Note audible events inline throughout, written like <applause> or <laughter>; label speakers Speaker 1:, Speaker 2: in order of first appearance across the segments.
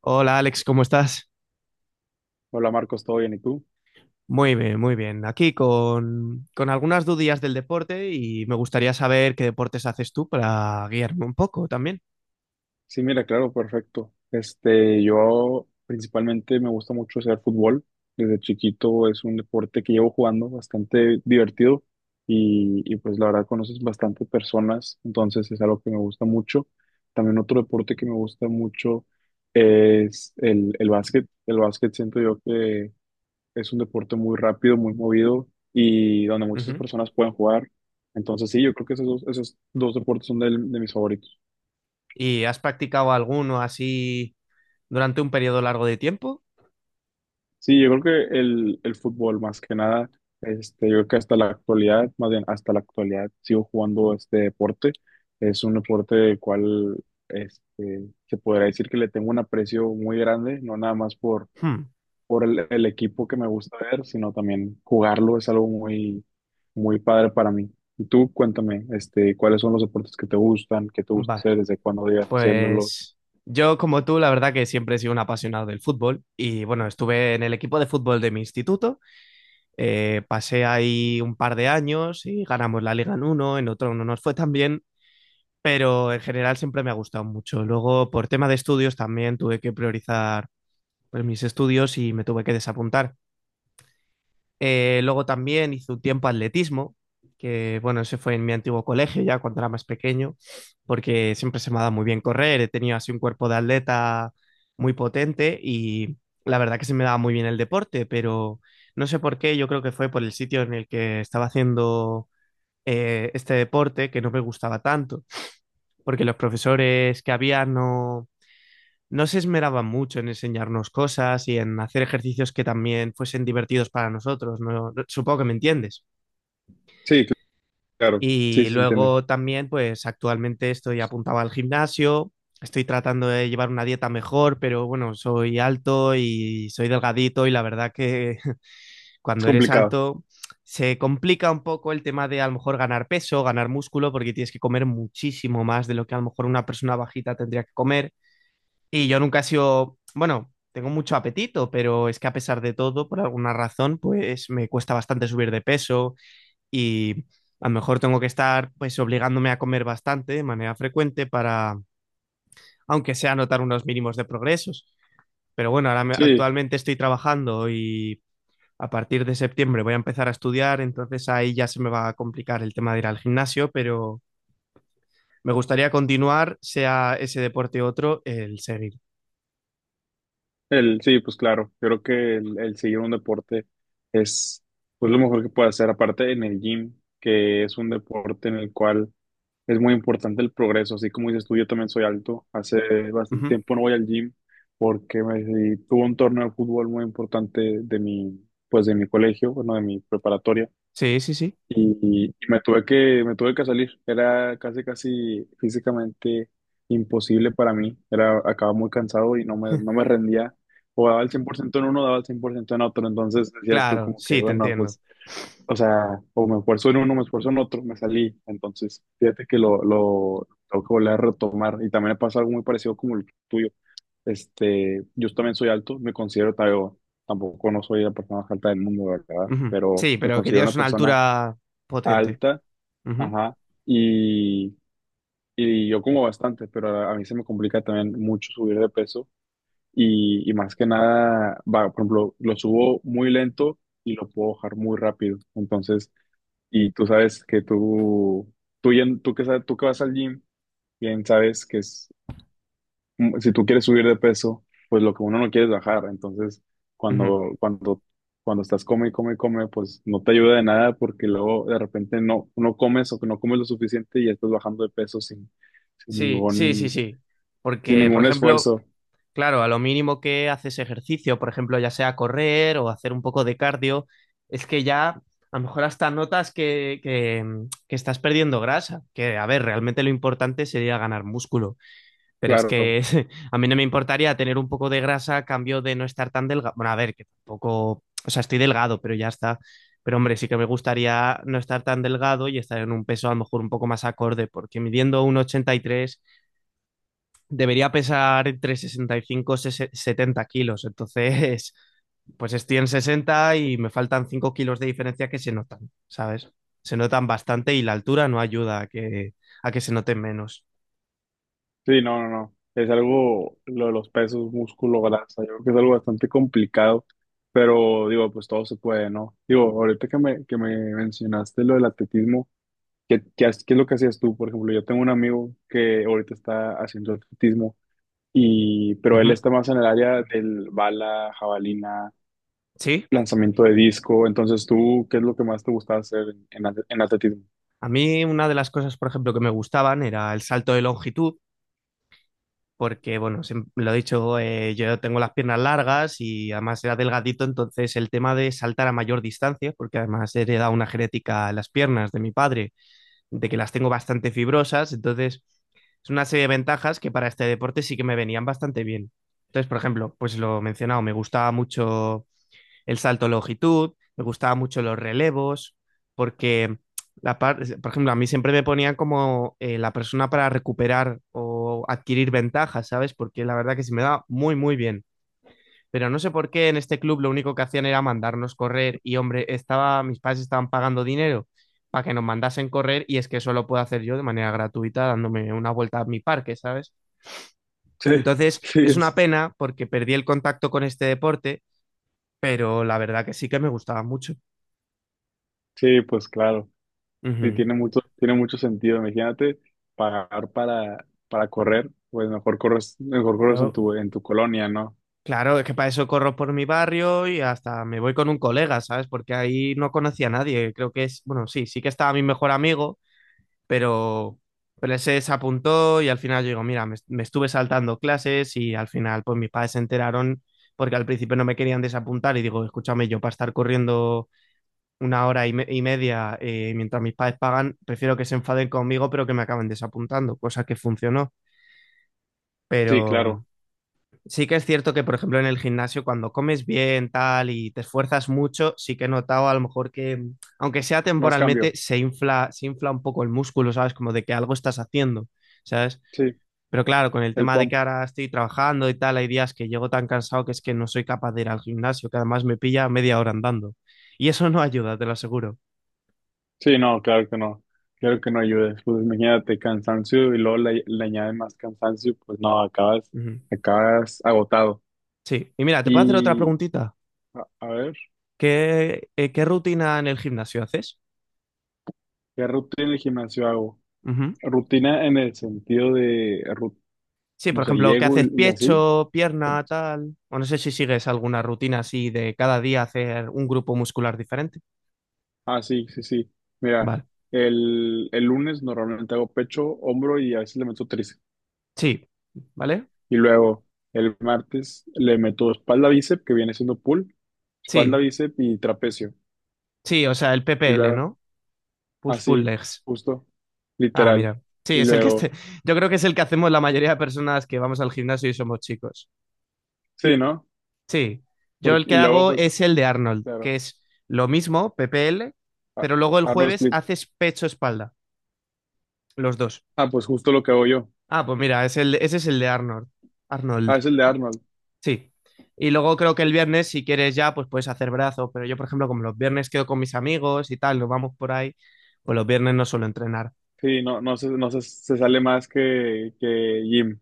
Speaker 1: Hola Alex, ¿cómo estás?
Speaker 2: Hola Marcos, ¿todo bien? ¿Y tú?
Speaker 1: Muy bien, muy bien. Aquí con algunas dudillas del deporte y me gustaría saber qué deportes haces tú para guiarme un poco también.
Speaker 2: Sí, mira, claro, perfecto. Yo principalmente me gusta mucho hacer fútbol. Desde chiquito es un deporte que llevo jugando bastante divertido y pues la verdad conoces bastantes personas, entonces es algo que me gusta mucho. También otro deporte que me gusta mucho es el básquet. El básquet siento yo que es un deporte muy rápido, muy movido y donde muchas
Speaker 1: Ujú.
Speaker 2: personas pueden jugar. Entonces sí, yo creo que esos dos deportes son de mis favoritos.
Speaker 1: ¿Y has practicado alguno así durante un periodo largo de tiempo?
Speaker 2: Sí, yo creo que el fútbol más que nada, yo creo que hasta la actualidad, más bien hasta la actualidad, sigo jugando este deporte. Es un deporte del cual se podría decir que le tengo un aprecio muy grande, no nada más
Speaker 1: Hmm.
Speaker 2: por el equipo que me gusta ver, sino también jugarlo es algo muy padre para mí. Y tú, cuéntame, ¿cuáles son los deportes que te gustan, que te gusta
Speaker 1: Vale,
Speaker 2: hacer, desde cuándo llevas haciéndolos?
Speaker 1: pues yo como tú, la verdad que siempre he sido un apasionado del fútbol y bueno, estuve en el equipo de fútbol de mi instituto, pasé ahí un par de años y ganamos la Liga en uno, en otro no nos fue tan bien pero en general siempre me ha gustado mucho. Luego, por tema de estudios, también tuve que priorizar pues, mis estudios y me tuve que desapuntar. Luego también hice un tiempo atletismo, que bueno, ese fue en mi antiguo colegio ya cuando era más pequeño, porque siempre se me ha dado muy bien correr, he tenido así un cuerpo de atleta muy potente y la verdad que se me daba muy bien el deporte, pero no sé por qué, yo creo que fue por el sitio en el que estaba haciendo este deporte que no me gustaba tanto porque los profesores que había no, no se esmeraban mucho en enseñarnos cosas y en hacer ejercicios que también fuesen divertidos para nosotros, ¿no? No, supongo que me entiendes.
Speaker 2: Sí, claro, sí,
Speaker 1: Y
Speaker 2: sí se entiende.
Speaker 1: luego también, pues actualmente estoy apuntado al gimnasio, estoy tratando de llevar una dieta mejor, pero bueno, soy alto y soy delgadito y la verdad que <laughs>
Speaker 2: Es
Speaker 1: cuando eres
Speaker 2: complicado.
Speaker 1: alto se complica un poco el tema de a lo mejor ganar peso, ganar músculo, porque tienes que comer muchísimo más de lo que a lo mejor una persona bajita tendría que comer. Y yo nunca he sido, bueno, tengo mucho apetito, pero es que a pesar de todo, por alguna razón, pues me cuesta bastante subir de peso y a lo mejor tengo que estar pues obligándome a comer bastante de manera frecuente para, aunque sea notar unos mínimos de progresos. Pero bueno,
Speaker 2: Sí,
Speaker 1: actualmente estoy trabajando y a partir de septiembre voy a empezar a estudiar, entonces ahí ya se me va a complicar el tema de ir al gimnasio, pero me gustaría continuar, sea ese deporte u otro, el seguir.
Speaker 2: Pues claro, yo creo que el seguir un deporte es pues lo mejor que puede hacer, aparte en el gym, que es un deporte en el cual es muy importante el progreso, así como dices tú, yo también soy alto, hace bastante
Speaker 1: Ujú.
Speaker 2: tiempo no voy al gym porque me, tuve un torneo de fútbol muy importante de mi, pues de mi colegio, bueno, de mi preparatoria
Speaker 1: Sí, sí, sí.
Speaker 2: y me tuve que salir. Era casi físicamente imposible para mí. Era, acababa muy cansado y no
Speaker 1: <laughs>
Speaker 2: me rendía. O daba el 100% en uno, daba el 100% en otro. Entonces decías tú
Speaker 1: Claro,
Speaker 2: como que,
Speaker 1: sí, te
Speaker 2: bueno,
Speaker 1: entiendo.
Speaker 2: pues, o sea, o me esfuerzo en uno, me esfuerzo en otro, me salí. Entonces, fíjate que lo tengo que volver a retomar. Y también me pasa algo muy parecido como el tuyo. Yo también soy alto, me considero, tampoco no soy la persona más alta del mundo, ¿verdad?
Speaker 1: Ujú.
Speaker 2: Pero
Speaker 1: Sí,
Speaker 2: me
Speaker 1: pero que
Speaker 2: considero una
Speaker 1: tienes una
Speaker 2: persona
Speaker 1: altura potente.
Speaker 2: alta.
Speaker 1: Ujú,
Speaker 2: Ajá. Y, y yo como bastante, pero a mí se me complica también mucho subir de peso y más que nada, va, por ejemplo, lo subo muy lento y lo puedo bajar muy rápido. Entonces, y tú sabes que tú que, tú que vas al gym, bien sabes que es, si tú quieres subir de peso, pues lo que uno no quiere es bajar. Entonces,
Speaker 1: ujú.
Speaker 2: cuando, cuando, cuando estás come, y come, y come, pues no te ayuda de nada porque luego de repente no comes o que no comes lo suficiente y ya estás bajando de peso sin
Speaker 1: Sí, sí, sí,
Speaker 2: ningún,
Speaker 1: sí.
Speaker 2: sin
Speaker 1: Porque, por
Speaker 2: ningún
Speaker 1: ejemplo,
Speaker 2: esfuerzo.
Speaker 1: claro, a lo mínimo que haces ejercicio, por ejemplo, ya sea correr o hacer un poco de cardio, es que ya a lo mejor hasta notas que estás perdiendo grasa. Que, a ver, realmente lo importante sería ganar músculo. Pero es
Speaker 2: Claro.
Speaker 1: que <laughs> a mí no me importaría tener un poco de grasa a cambio de no estar tan delgado. Bueno, a ver, que tampoco. O sea, estoy delgado, pero ya está. Pero hombre, sí que me gustaría no estar tan delgado y estar en un peso a lo mejor un poco más acorde, porque midiendo un 83 debería pesar entre 65 y 70 kilos. Entonces, <laughs> pues estoy en 60 y me faltan 5 kilos de diferencia que se notan, ¿sabes? Se notan bastante y la altura no ayuda a que se noten menos.
Speaker 2: Sí, no. Es algo, lo de los pesos, músculo, grasa, yo creo que es algo bastante complicado. Pero digo, pues todo se puede, ¿no? Digo, ahorita que que me mencionaste lo del atletismo, ¿Qué, qué es lo que hacías tú? Por ejemplo, yo tengo un amigo que ahorita está haciendo atletismo, y, pero él
Speaker 1: Ujú.
Speaker 2: está más en el área del bala, jabalina,
Speaker 1: ¿Sí?
Speaker 2: lanzamiento de disco. Entonces, ¿tú qué es lo que más te gusta hacer en, en atletismo?
Speaker 1: A mí una de las cosas, por ejemplo, que me gustaban era el salto de longitud, porque, bueno, lo he dicho, yo tengo las piernas largas y además era delgadito, entonces el tema de saltar a mayor distancia, porque además he heredado una genética a las piernas de mi padre, de que las tengo bastante fibrosas, entonces es una serie de ventajas que para este deporte sí que me venían bastante bien. Entonces, por ejemplo, pues lo mencionado, me gustaba mucho el salto de longitud, me gustaban mucho los relevos, porque, por ejemplo, a mí siempre me ponían como la persona para recuperar o adquirir ventajas, ¿sabes? Porque la verdad que se me da muy, muy bien. Pero no sé por qué en este club lo único que hacían era mandarnos correr y, hombre, estaba, mis padres estaban pagando dinero para que nos mandasen correr y es que eso lo puedo hacer yo de manera gratuita dándome una vuelta a mi parque, ¿sabes?
Speaker 2: Sí, <laughs>
Speaker 1: Entonces,
Speaker 2: sí,
Speaker 1: es una pena porque perdí el contacto con este deporte, pero la verdad que sí que me gustaba mucho.
Speaker 2: sí, pues claro. Sí,
Speaker 1: Ujú.
Speaker 2: tiene mucho sentido. Imagínate pagar para correr, pues mejor corres
Speaker 1: Claro,
Speaker 2: en tu colonia, ¿no?
Speaker 1: claro, es que para eso corro por mi barrio y hasta me voy con un colega, ¿sabes? Porque ahí no conocía a nadie. Creo que es, bueno, sí, sí que estaba mi mejor amigo, pero, pero ese se apuntó y al final yo digo, mira, me estuve saltando clases y al final pues mis padres se enteraron porque al principio no me querían desapuntar y digo, escúchame, yo para estar corriendo una hora y media mientras mis padres pagan, prefiero que se enfaden conmigo pero que me acaben desapuntando, cosa que funcionó.
Speaker 2: Sí,
Speaker 1: Pero.
Speaker 2: claro.
Speaker 1: Sí que es cierto que, por ejemplo, en el gimnasio, cuando comes bien, tal, y te esfuerzas mucho, sí que he notado a lo mejor que, aunque sea
Speaker 2: Más
Speaker 1: temporalmente,
Speaker 2: cambio.
Speaker 1: se infla un poco el músculo, ¿sabes? Como de que algo estás haciendo, ¿sabes?
Speaker 2: Sí,
Speaker 1: Pero claro, con el
Speaker 2: el
Speaker 1: tema de que
Speaker 2: pump.
Speaker 1: ahora estoy trabajando y tal, hay días que llego tan cansado que es que no soy capaz de ir al gimnasio, que además me pilla media hora andando. Y eso no ayuda, te lo aseguro.
Speaker 2: Sí, no, claro que no. Claro que no ayudes. Pues imagínate cansancio y luego le añades más cansancio, pues no, acabas,
Speaker 1: Ujú.
Speaker 2: acabas agotado.
Speaker 1: Sí. Y mira, ¿te puedo hacer otra
Speaker 2: Y
Speaker 1: preguntita?
Speaker 2: a ver,
Speaker 1: ¿Qué, qué rutina en el gimnasio haces?
Speaker 2: ¿qué rutina en el gimnasio hago?
Speaker 1: Ujú.
Speaker 2: Rutina en el sentido de,
Speaker 1: Sí,
Speaker 2: no
Speaker 1: por
Speaker 2: sé,
Speaker 1: ejemplo, que
Speaker 2: llego
Speaker 1: haces
Speaker 2: y así.
Speaker 1: pecho, pierna, tal. O no sé si sigues alguna rutina así de cada día hacer un grupo muscular diferente.
Speaker 2: Ah, sí, sí, sí. Mira,
Speaker 1: Vale.
Speaker 2: el lunes normalmente hago pecho, hombro y a veces le meto tríceps.
Speaker 1: Sí, ¿vale?
Speaker 2: Y luego el martes le meto espalda bíceps, que viene siendo pull, espalda
Speaker 1: Sí,
Speaker 2: bíceps y trapecio.
Speaker 1: sí, o sea, el
Speaker 2: Y
Speaker 1: PPL,
Speaker 2: luego
Speaker 1: ¿no? Push pull
Speaker 2: Así,
Speaker 1: legs.
Speaker 2: justo,
Speaker 1: Ah,
Speaker 2: literal.
Speaker 1: mira. Sí,
Speaker 2: Y
Speaker 1: es el que este.
Speaker 2: luego,
Speaker 1: <laughs> Yo creo que es el que hacemos la mayoría de personas que vamos al gimnasio y somos chicos.
Speaker 2: sí, ¿no?
Speaker 1: Sí. Yo
Speaker 2: Porque,
Speaker 1: el que
Speaker 2: y luego,
Speaker 1: hago
Speaker 2: pues,
Speaker 1: es el de Arnold, que
Speaker 2: claro,
Speaker 1: es lo mismo, PPL,
Speaker 2: a-
Speaker 1: pero luego el
Speaker 2: Arnold
Speaker 1: jueves
Speaker 2: Split.
Speaker 1: haces pecho-espalda, los dos.
Speaker 2: Ah, pues justo lo que hago yo.
Speaker 1: Ah, pues mira, es el, ese es el de Arnold.
Speaker 2: Ah,
Speaker 1: Arnold.
Speaker 2: es el de Arnold.
Speaker 1: Sí. Y luego creo que el viernes, si quieres ya, pues puedes hacer brazos. Pero yo, por ejemplo, como los viernes quedo con mis amigos y tal, nos vamos por ahí, pues los viernes no suelo entrenar.
Speaker 2: Sí, no se, se sale más que Jim.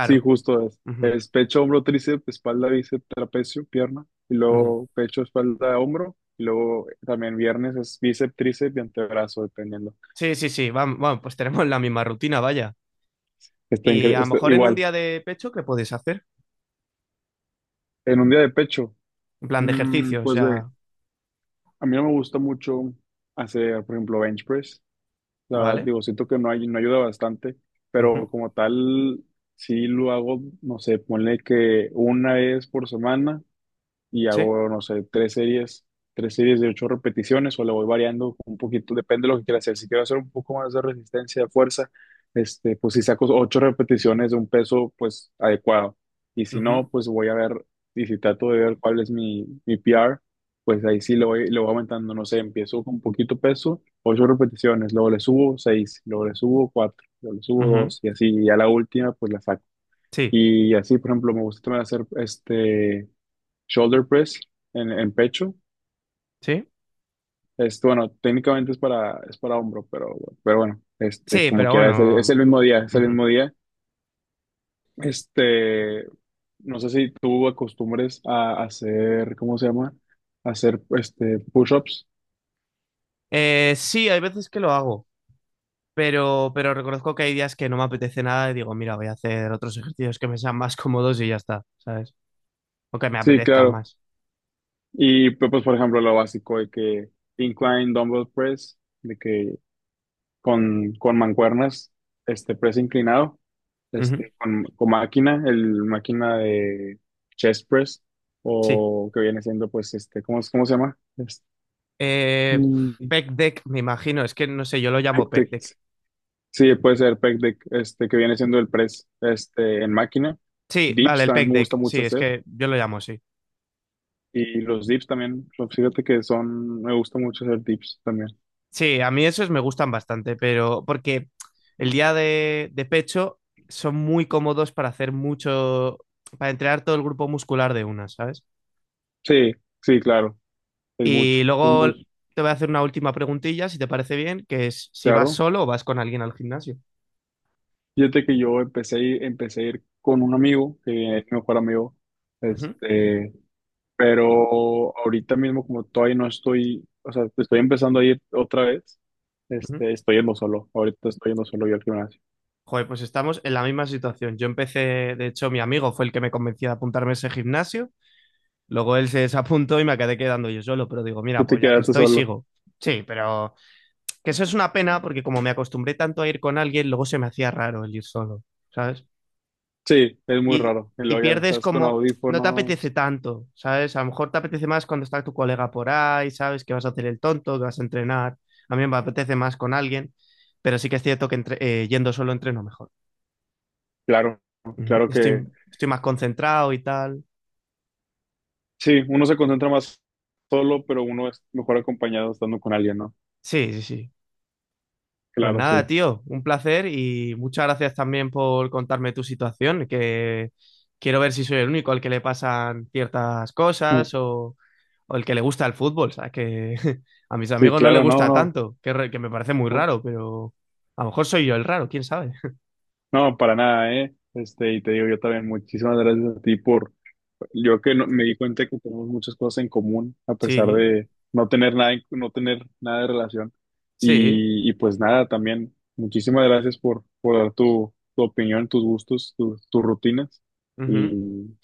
Speaker 2: Sí, justo es.
Speaker 1: Ujú,
Speaker 2: Es pecho, hombro, tríceps, espalda, bíceps, trapecio, pierna. Y
Speaker 1: ujú.
Speaker 2: luego pecho, espalda, hombro. Y luego también viernes es bíceps, tríceps y antebrazo, dependiendo.
Speaker 1: Sí, sí, sí. Vamos, bueno, pues tenemos la misma rutina, vaya.
Speaker 2: Está,
Speaker 1: Y a lo
Speaker 2: está
Speaker 1: mejor en un
Speaker 2: igual.
Speaker 1: día de pecho, ¿qué puedes hacer?
Speaker 2: En un día de pecho,
Speaker 1: En plan de ejercicios,
Speaker 2: pues ve.
Speaker 1: ya.
Speaker 2: A mí no me gusta mucho hacer, por ejemplo, bench press. La verdad,
Speaker 1: ¿Vale?
Speaker 2: digo, siento que no, hay, no ayuda bastante, pero
Speaker 1: Ujú.
Speaker 2: como tal, sí lo hago, no sé, ponle que una vez por semana y
Speaker 1: Sí.
Speaker 2: hago, no sé, tres series de ocho repeticiones o le voy variando un poquito, depende de lo que quiera hacer. Si quiero hacer un poco más de resistencia, de fuerza, pues si saco ocho repeticiones de un peso, pues adecuado. Y si
Speaker 1: Ujú,
Speaker 2: no, pues voy a ver, y si trato de ver cuál es mi p r pues ahí sí le voy aumentando, no sé, empiezo con poquito peso, ocho repeticiones, luego le subo seis, luego le subo cuatro, luego le subo
Speaker 1: ujú.
Speaker 2: dos, y así, y a la última, pues la saco.
Speaker 1: Sí,
Speaker 2: Y así, por ejemplo, me gusta también hacer shoulder press en pecho.
Speaker 1: sí.
Speaker 2: Es, bueno, técnicamente es para hombro, pero bueno,
Speaker 1: Sí,
Speaker 2: como
Speaker 1: pero
Speaker 2: quiera, es es
Speaker 1: bueno.
Speaker 2: el mismo día, es el
Speaker 1: Ujú.
Speaker 2: mismo día. Este, no sé si tú acostumbres a hacer, ¿cómo se llama? A hacer, push-ups.
Speaker 1: Sí, hay veces que lo hago. Pero reconozco que hay días que no me apetece nada y digo, mira, voy a hacer otros ejercicios que me sean más <laughs> cómodos y ya está, ¿sabes? O que me
Speaker 2: Sí,
Speaker 1: apetezcan
Speaker 2: claro.
Speaker 1: más.
Speaker 2: Y pues, por ejemplo, lo básico de que incline dumbbell press, de que con mancuernas, este press inclinado,
Speaker 1: Ujú.
Speaker 2: con máquina, el máquina de chest press,
Speaker 1: Sí.
Speaker 2: o que viene siendo, pues, ¿cómo, cómo se llama?
Speaker 1: Eh,
Speaker 2: Mm,
Speaker 1: pec deck, me imagino. Es que no sé, yo lo
Speaker 2: pec
Speaker 1: llamo pec
Speaker 2: deck.
Speaker 1: deck.
Speaker 2: Sí, puede ser pec deck, que viene siendo el press, en máquina.
Speaker 1: Sí, vale,
Speaker 2: Dips
Speaker 1: el
Speaker 2: también
Speaker 1: pec
Speaker 2: me gusta
Speaker 1: deck. Sí,
Speaker 2: mucho
Speaker 1: es
Speaker 2: hacer,
Speaker 1: que yo lo llamo así.
Speaker 2: y los dips también, pues, fíjate que son, me gusta mucho hacer dips también.
Speaker 1: Sí, a mí esos me gustan bastante, pero porque el día de pecho son muy cómodos para hacer mucho, para entrenar todo el grupo muscular de una, ¿sabes?
Speaker 2: Sí, sí, claro, es mucho,
Speaker 1: Y
Speaker 2: es
Speaker 1: luego
Speaker 2: muy
Speaker 1: te voy a hacer una última preguntilla, si te parece bien, que es si vas
Speaker 2: claro.
Speaker 1: solo o vas con alguien al gimnasio.
Speaker 2: Fíjate que yo empecé, empecé a ir con un amigo, que es mi mejor amigo,
Speaker 1: Ujú,
Speaker 2: este, pero ahorita mismo como todavía no estoy, o sea, estoy empezando a ir otra vez,
Speaker 1: ujú.
Speaker 2: estoy yendo solo, ahorita estoy yendo solo yo al gimnasio.
Speaker 1: Joder, pues estamos en la misma situación. Yo empecé, de hecho, mi amigo fue el que me convenció de apuntarme a ese gimnasio. Luego él se desapuntó y me quedé quedando yo solo, pero digo,
Speaker 2: Y
Speaker 1: mira,
Speaker 2: te
Speaker 1: pues ya que
Speaker 2: quedaste
Speaker 1: estoy,
Speaker 2: solo.
Speaker 1: sigo. Sí, pero que eso es una pena porque como me acostumbré tanto a ir con alguien, luego se me hacía raro el ir solo, ¿sabes?
Speaker 2: Sí, es muy
Speaker 1: y,
Speaker 2: raro. Y
Speaker 1: y
Speaker 2: luego ya
Speaker 1: pierdes
Speaker 2: estás con
Speaker 1: como, no te apetece
Speaker 2: audífonos.
Speaker 1: tanto, ¿sabes? A lo mejor te apetece más cuando está tu colega por ahí, ¿sabes? Que vas a hacer el tonto, que vas a entrenar. A mí me apetece más con alguien, pero sí que es cierto que yendo solo entreno mejor.
Speaker 2: Claro,
Speaker 1: Ujú.
Speaker 2: claro que
Speaker 1: Estoy más concentrado y tal.
Speaker 2: sí, uno se concentra más solo, pero uno es mejor acompañado estando con alguien, ¿no?
Speaker 1: Sí, sí, sí. Pues
Speaker 2: Claro,
Speaker 1: nada,
Speaker 2: sí.
Speaker 1: tío, un placer y muchas gracias también por contarme tu situación, que quiero ver si soy el único al que le pasan ciertas
Speaker 2: Mm.
Speaker 1: cosas o el que le gusta el fútbol, ¿sabes? Que <laughs> a mis
Speaker 2: Sí,
Speaker 1: amigos no les
Speaker 2: claro,
Speaker 1: gusta
Speaker 2: no,
Speaker 1: tanto, que me parece muy
Speaker 2: no.
Speaker 1: raro, pero a lo mejor soy yo el raro, quién sabe. <laughs>
Speaker 2: No, para nada, ¿eh? Y te digo yo también, muchísimas gracias a ti por, yo que no- me di cuenta que tenemos muchas cosas en común, a pesar
Speaker 1: Sí,
Speaker 2: de no tener nada, no tener nada de relación.
Speaker 1: sí.
Speaker 2: Y pues nada, también, muchísimas gracias por dar tu, tu opinión, tus gustos, tus rutinas.
Speaker 1: Ujú.
Speaker 2: Y,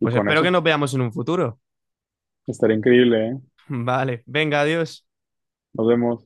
Speaker 2: y
Speaker 1: Pues
Speaker 2: con
Speaker 1: espero que
Speaker 2: eso,
Speaker 1: nos veamos en un futuro.
Speaker 2: estaría increíble, ¿eh?
Speaker 1: <laughs> Vale, venga, adiós.
Speaker 2: Nos vemos.